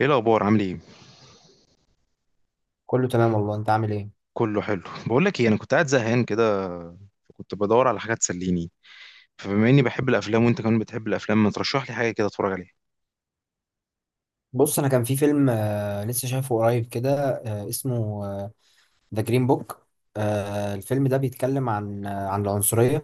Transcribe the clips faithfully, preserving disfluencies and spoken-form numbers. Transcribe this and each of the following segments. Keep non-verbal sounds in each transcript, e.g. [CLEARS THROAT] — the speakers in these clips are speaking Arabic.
ايه الاخبار؟ عامل ايه؟ كله تمام والله، انت عامل ايه؟ كله حلو. بقول لك ايه، انا كنت قاعد زهقان كده. كنت بدور على حاجه تسليني. فبما اني بحب الافلام وانت كمان بتحب الافلام، ما ترشح لي حاجه كده اتفرج عليها؟ بص، انا كان في فيلم آه لسه شايفه قريب كده. آه اسمه ذا جرين بوك. آه The Green Book. آه، الفيلم ده بيتكلم عن آه عن العنصرية.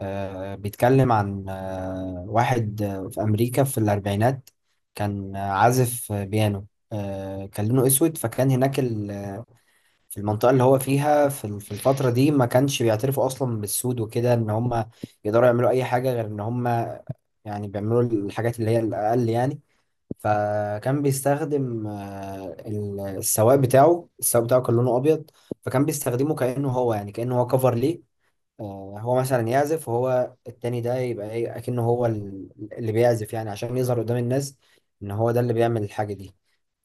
آه بيتكلم عن آه واحد آه في امريكا في الاربعينات. كان آه، عازف آه، بيانو. آه كان لونه اسود، فكان هناك ال- في المنطقة اللي هو فيها، في ال- في الفترة دي ما كانش بيعترفوا اصلا بالسود وكده، ان هم يقدروا يعملوا اي حاجة غير ان هم يعني بيعملوا الحاجات اللي هي الاقل يعني. فكان بيستخدم آه، ال- السواق بتاعه السواق بتاعه كان لونه ابيض، فكان بيستخدمه كانه هو، يعني كانه هو كفر ليه. آه، هو مثلا يعزف، وهو التاني ده يبقى ايه اكنه هو ال- اللي بيعزف، يعني عشان يظهر قدام الناس ان هو ده اللي بيعمل الحاجه دي.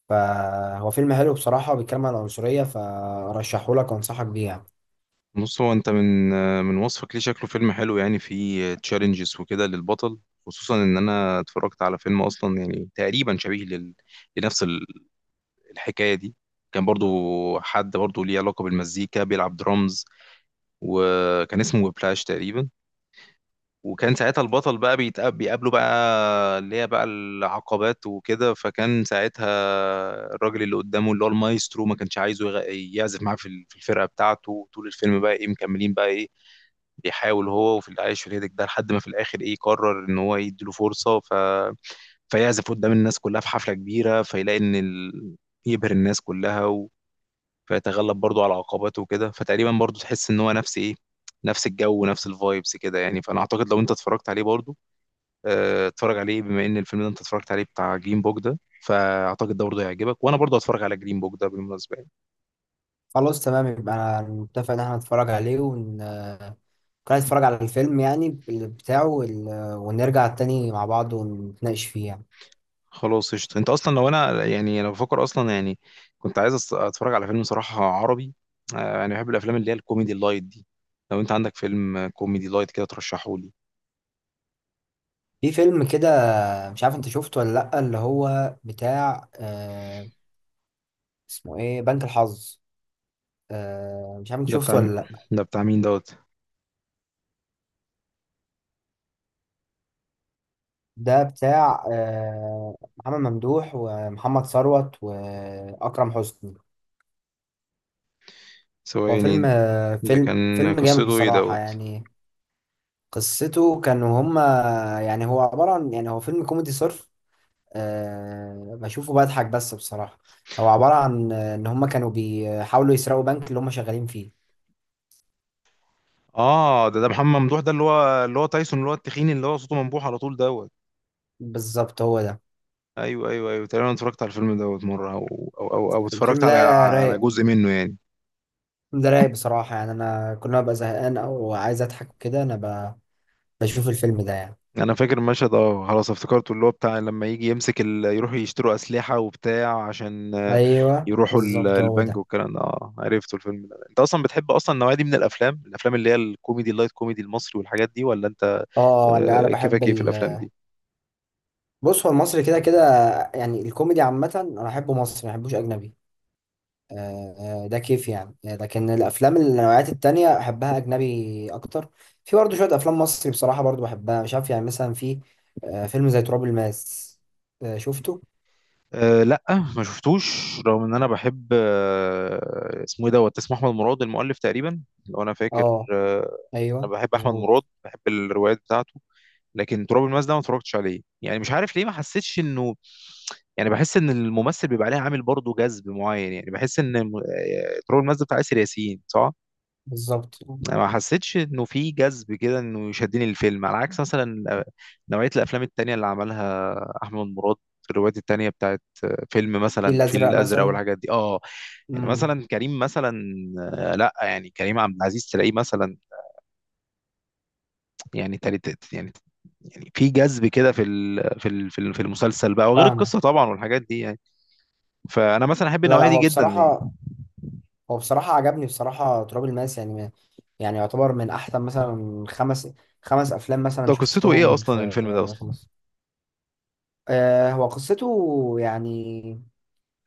فهو فيلم حلو بصراحه، بيتكلم عن العنصريه، فرشحه لك وانصحك بيه يعني. بص، هو انت من من وصفك ليه شكله فيلم حلو، يعني فيه تشالنجز وكده للبطل. خصوصا ان انا اتفرجت على فيلم اصلا، يعني تقريبا شبيه لل... لنفس ال- الحكايه دي. كان برضو حد برضو ليه علاقه بالمزيكا، بيلعب درامز، وكان اسمه بلاش تقريبا. وكان ساعتها البطل بقى بيتقاب بيقابله، بقى اللي هي بقى العقبات وكده. فكان ساعتها الراجل اللي قدامه اللي هو المايسترو ما كانش عايزه يغ- يعزف معاه في ال- في الفرقة بتاعته طول الفيلم. بقى ايه، مكملين بقى ايه، بيحاول هو وفي العيش في الهيدك ده لحد ما في الاخر ايه قرر ان هو يديله فرصة، ف... فيعزف قدام الناس كلها في حفلة كبيرة، فيلاقي ان ال... يبهر الناس كلها، و... فيتغلب برضه على عقباته وكده. فتقريبا برضه تحس ان هو نفس ايه، نفس الجو ونفس الفايبس كده يعني. فانا اعتقد لو انت اتفرجت عليه برضه، آه، اتفرج عليه. بما ان الفيلم ده انت اتفرجت عليه بتاع جرين بوك ده، فاعتقد ده برضه هيعجبك، وانا برضه هتفرج على جرين بوك ده بالمناسبه يعني. خلاص تمام. يبقى انا متفق ان احنا نتفرج عليه، ون كنا نتفرج على الفيلم يعني بال- بتاعه، وال- ونرجع تاني مع بعض ونتناقش فيه يعني. خلاص قشطه. انت اصلا لو انا، يعني انا بفكر اصلا، يعني كنت عايز أس- اتفرج على فيلم صراحه عربي. آه، انا بحب الافلام اللي هي الكوميدي اللايت دي. لو انت عندك فيلم آه، كوميدي لايت كده ترشحه لي. في فيلم كده، مش عارف انت شفته ولا لأ، اللي هو بتاع آه اسمه ايه، بنك الحظ. آه مش عارف انت ده شفته بتاع م- ولا لأ. ده بتاع مين دوت؟ ده بتاع آه محمد ممدوح ومحمد ثروت وأكرم حسني. هو فيلم ثواني. آه ده فيلم كان فيلم جامد قصته ايه بصراحة دوت؟ يعني. قصته كانوا هما، يعني هو عبارة عن، يعني هو فيلم كوميدي صرف. أه بشوفه بضحك بس بصراحة. هو عبارة عن آه، إن هما كانوا بيحاولوا يسرقوا بنك اللي هما شغالين فيه. اه، ده ده محمد ممدوح، ده اللي هو اللي هو تايسون، اللي هو التخين، اللي هو صوته منبوح على طول دوت. بالظبط هو ده. ايوه، ايوه، ايوه، تقريبا أنا اتفرجت على الفيلم دوت مره، او او او, أو الفيلم اتفرجت على ده على رايق. جزء منه يعني. الفيلم ده رايق بصراحة يعني. أنا كل ما ببقى زهقان أو عايز أضحك وكده، أنا ب... بشوف الفيلم ده يعني. انا فاكر المشهد، اه خلاص افتكرته، اللي هو بتاع لما يجي يمسك ال... يروحوا يشتروا اسلحه وبتاع عشان، آه، أيوه، يروحوا ال- بالظبط هو البنك ده. والكلام ده. اه، عرفته الفيلم ده. انت اصلا بتحب اصلا النوعيه دي من الافلام الافلام اللي هي الكوميدي اللايت، كوميدي المصري والحاجات دي، ولا انت اه، لا، أنا آه، بحب كيفك ايه في ال... الافلام دي؟ بص، هو المصري كده كده. يعني الكوميدي عامة أنا أحبه مصري، ما أحبوش أجنبي. آه، ده كيف يعني. آه، لكن الافلام النوعيات التانية احبها اجنبي اكتر. في برضه شويه افلام مصري بصراحه برضه بحبها، مش عارف. يعني مثلا في آه، فيلم زي تراب الماس. آه، شفته؟ أه لا، ما شفتوش، رغم ان انا بحب. أه اسمه ايه دوت، اسمه احمد مراد المؤلف تقريبا لو انا فاكر، اه، أه انا ايوه، بحب احمد مراد، مظبوط. بحب الروايات بتاعته. لكن تراب الماس ده ما اتفرجتش عليه، يعني مش عارف ليه، ما حسيتش انه، يعني بحس ان الممثل بيبقى عليه عامل برضه جذب معين. يعني بحس ان الم- آه، تراب الماس ده بتاع ياسر ياسين، صح؟ بالظبط. انا ما حسيتش انه في جذب كده انه يشدني الفيلم، على عكس مثلا نوعيه الافلام التانية اللي عملها احمد مراد، الروايات التانية بتاعت فيلم مثلا في الفيل الازرق الازرق مثلا. والحاجات دي، اه. يعني امم. مثلا كريم مثلا، آه، لا، يعني كريم عبد العزيز تلاقيه مثلا يعني تالت يعني. يعني في جذب كده في ال- في ال- في ال- في المسلسل بقى، وغير فاهمه. القصه طبعا والحاجات دي يعني. فانا مثلا احب لا، لا، النوعيه دي هو جدا يعني. بصراحه هو بصراحه عجبني بصراحه تراب الماس يعني، ما- يعني يعتبر من احسن مثلا خمس خمس افلام مثلا ده قصته ايه شفتهم اصلا في الفيلم ده في اصلا؟ مصر. آه، هو قصته يعني،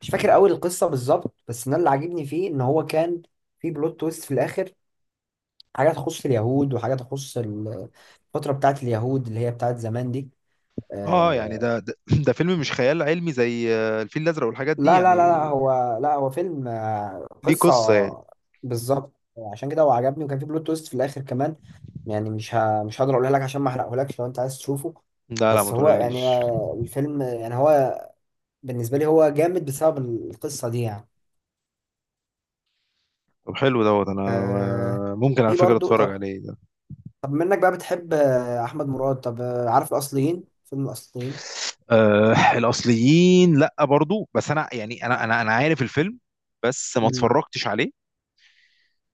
مش فاكر قوي القصه بالظبط، بس انا اللي عاجبني فيه ان هو كان في بلوت تويست في الاخر. حاجه تخص اليهود، وحاجه تخص ال- الفتره بتاعت اليهود اللي هي بتاعت زمان دي. اه، يعني آه. ده ده, [CLEARS THROAT] ده فيلم مش خيال علمي زي آه، الفيل الازرق والحاجات دي لا، لا، لا، يعني؟ لا، هو لا هو فيلم آه ليه قصه. قصة يعني؟ بالظبط. عشان كده هو عجبني، وكان في بلوت تويست في الاخر كمان. يعني مش ه... مش هقدر اقولها لك، عشان ما احرقهولكش لو انت عايز تشوفه. لا، لا، ما بس هو يعني تقوليليش. آه، الفيلم يعني هو، بالنسبه لي هو جامد بسبب القصه دي يعني. طب حلو دوت. انا آه آه، ممكن على في فكرة برضو اتفرج طب عليه ده. طب منك بقى بتحب آه، احمد مراد، طب آه، عارف الاصليين، فيلم الاصليين؟ أه، الاصليين، لا برضو، بس انا، يعني انا انا انا عارف الفيلم، بس ما امم. اتفرجتش عليه.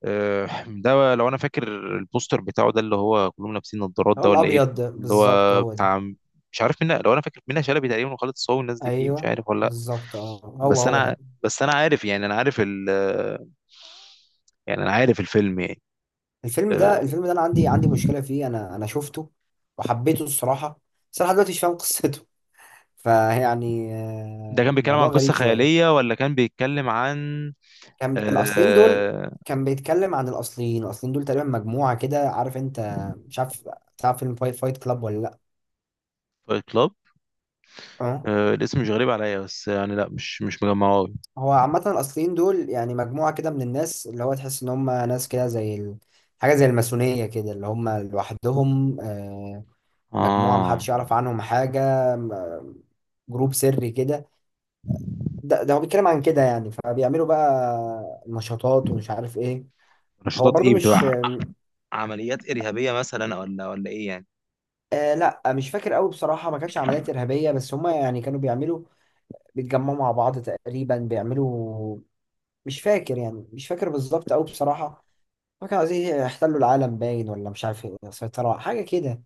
أه، ده لو انا فاكر البوستر بتاعه ده اللي هو كلهم لابسين نظارات هو ده، ولا ايه؟ الابيض ده، اللي بالظبط هو هو ده. بتاع، مش عارف منها، لو انا فاكر منها شلبي تقريبا، وخالد الصاوي والناس دي فيه، مش ايوه، عارف ولا لا. بالظبط. اه، هو بس هو انا ده. بس انا عارف، يعني انا عارف ال يعني انا عارف الفيلم يعني. الفيلم ده الفيلم ده انا عندي عندي أه، مشكله فيه. انا انا شفته وحبيته الصراحه. بس انا لحد دلوقتي مش فاهم قصته. [LAUGHS] فيعني ده كان آه، بيتكلم عن موضوع قصة غريب شويه. خيالية ولا كان بيتكلم عن كان الاصليين دول آه... كان بيتكلم عن الاصليين الاصليين دول تقريبا مجموعه كده عارف انت. مش عارف. تعرف فيلم فايت فايت كلاب ولا لا؟ فايت كلاب؟ أه؟ آه... الاسم مش غريب عليا، بس يعني لا، مش مش مجمعه أوي. هو عامة الأصليين دول، يعني مجموعة كده من الناس، اللي هو تحس إن هم ناس كده زي ال... حاجة زي الماسونية كده، اللي هم لوحدهم، آه، مجموعة اه، محدش يعرف عنهم حاجة، م- جروب سري كده. ده, ده هو بيتكلم عن كده يعني، فبيعملوا بقى نشاطات ومش عارف إيه. هو نشاطات برضو ايه مش. بتبقى، عمليات إرهابية مثلا، ولا ولا ايه يعني؟ آه، لا، مش فاكر قوي بصراحة. ما كانتش عمليات إرهابية، بس هم يعني كانوا بيعملوا، بيتجمعوا مع بعض تقريبا، بيعملوا. مش فاكر يعني مش فاكر بالظبط قوي بصراحة. ما كانوا عايزين يحتلوا العالم باين، ولا مش عارف إيه، سيطرة حاجة كده.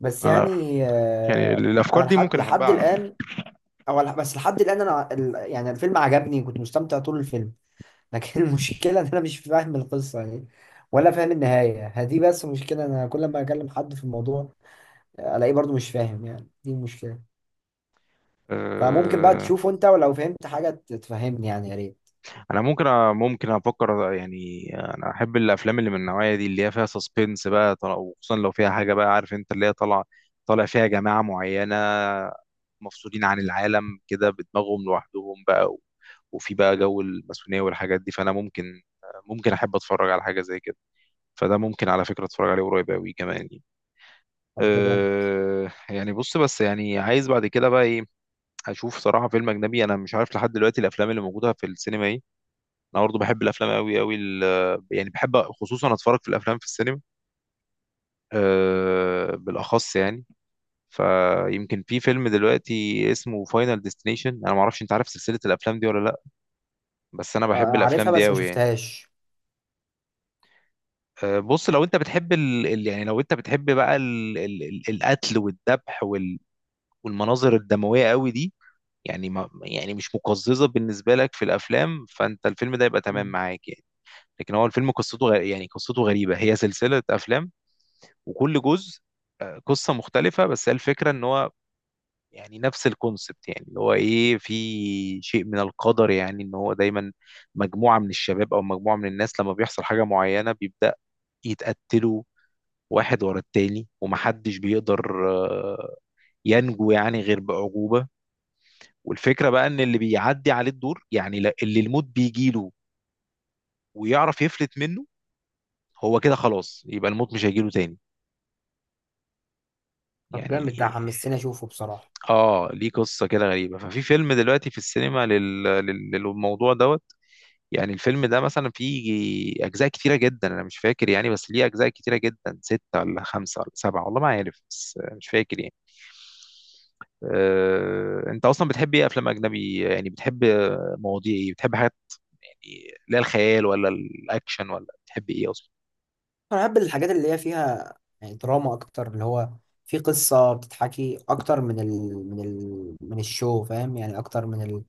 بس انا، يعني يعني آه، أنا الافكار دي لحد ممكن احبها لحد على فكرة. الآن، أو لح- بس لحد الآن، أنا ال- يعني الفيلم عجبني، كنت مستمتع طول الفيلم، لكن [LAUGHS] المشكلة إن أنا مش فاهم القصة يعني، ولا فاهم النهاية. هدي بس مشكلة. أنا كل ما أكلم حد في الموضوع، آه، ألاقيه برضو مش فاهم يعني، دي المشكلة. فممكن بقى آه... تشوفه أنت، ولو فهمت حاجة ت- تفهمني يعني، يا ريت. انا ممكن ممكن افكر يعني. انا احب الافلام اللي من النوعيه دي، اللي هي فيها سسبنس بقى، طل- وخصوصا لو فيها حاجه بقى، عارف انت اللي هي طالع طالع فيها جماعه معينه مفصولين عن العالم كده بدماغهم لوحدهم بقى، و- وفي بقى جو الماسونيه والحاجات دي. فانا ممكن ممكن احب اتفرج على حاجه زي كده. فده ممكن على فكره اتفرج عليه قريب قوي كمان يعني. طب ده جامد. أه، يعني بص، بس يعني عايز بعد كده بقى ايه اشوف صراحه فيلم اجنبي. انا مش عارف لحد دلوقتي الافلام اللي موجوده في السينما ايه. انا برضه بحب الافلام قوي قوي، يعني بحب خصوصا اتفرج في الافلام في السينما، أه بالاخص يعني. فيمكن في فيلم دلوقتي اسمه فاينل ديستنيشن. انا ما اعرفش انت عارف سلسله الافلام دي ولا لا، بس انا آه، بحب الافلام عارفها دي بس ما قوي يعني. شفتهاش. أه بص، لو انت بتحب ال... ال- يعني لو انت بتحب بقى ال... ال... ال- القتل والذبح وال... والمناظر الدمويه قوي دي، يعني ما يعني مش مقززه بالنسبه لك في الافلام، فانت الفيلم ده يبقى تمام مم. معاك يعني. لكن هو الفيلم قصته غ... يعني قصته غريبه. هي سلسله افلام وكل جزء آه، قصة مختلفة، بس هي الفكرة ان هو يعني نفس الكونسبت، يعني اللي هو ايه، في شيء من القدر يعني، ان هو دايما مجموعة من الشباب او مجموعة من الناس لما بيحصل حاجة معينة، بيبدأ يتقتلوا واحد ورا التاني، ومحدش بيقدر آه، ينجو، يعني غير بعجوبة. والفكرة بقى ان اللي بيعدي عليه الدور، يعني لا- اللي الموت بيجيله ويعرف يفلت منه هو كده خلاص، يبقى الموت مش هيجيله تاني طب يعني. جامد، ده حمستني أشوفه بصراحة. اه، ليه قصه كده غريبه. ففي فيلم دلوقتي في السينما لل... لل... للموضوع دوت. يعني الفيلم ده مثلا فيه اجزاء كتيره جدا، انا مش فاكر يعني، بس ليه اجزاء كتيره جدا، سته ولا خمسه ولا سبعه، والله ما عارف بس مش فاكر يعني. آه، انت اصلا بتحب ايه، افلام اجنبي يعني؟ بتحب مواضيع ايه، بتحب حاجات يعني لا الخيال ولا الاكشن، ولا بتحب ايه اصلا؟ انا بحب الحاجات اللي هي فيها، يعني دراما اكتر، اللي هو في قصه بتتحكي اكتر من ال من ال من الشو، فاهم يعني، اكتر من ال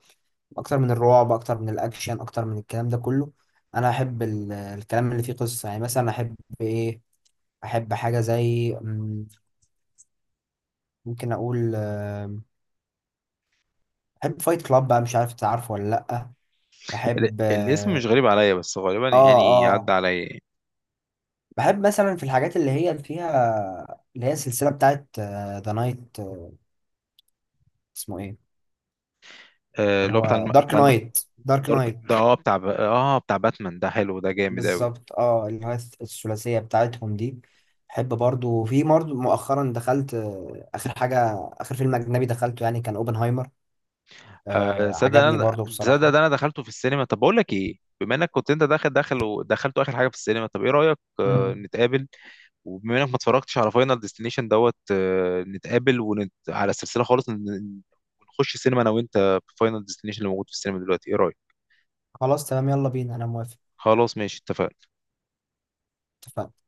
اكتر من الرعب، اكتر من الاكشن، اكتر من الكلام ده كله. انا احب ال- الكلام اللي فيه قصه يعني. مثلا احب ايه احب حاجه زي مم، ممكن اقول آم، بحب فايت كلاب بقى، مش عارف انت عارفه ولا لا؟ ال- بحب الاسم مش اه. غريب عليا، بس غالبا يعني عدى اه عليا. بحب مثلا في الحاجات اللي هي اللي فيها اللي هي السلسله بتاعت ذا نايت، اسمه ايه، آه، اللي اللي هو بتاع هو الم... دارك بتاع نايت. دارك دارك، نايت. ده اه بتاع ب... اه بتاع باتمان ده، حلو، ده جامد قوي. بالظبط. اه، اللي هو الثلاثية بتاعتهم دي. بحب برضو. في برضو مؤخرا، دخلت آه، آخر حاجة. آخر فيلم أجنبي دخلته يعني كان أوبنهايمر. آه آه صدق عجبني انا، برضو صدق ده بصراحة. انا دخلته في السينما. طب بقول لك ايه، بما انك كنت انت داخل داخل ودخلته اخر حاجه في السينما، طب ايه رايك، آه مم. نتقابل، وبما انك ما اتفرجتش على فاينل ديستنيشن دوت، آه نتقابل، ونت... على السلسله خالص، ن- ونخش السينما انا وانت في فاينل ديستنيشن اللي موجود في السينما دلوقتي، ايه رايك؟ خلاص تمام، يلا بينا، أنا موافق. خلاص ماشي اتفقنا. اتفقنا.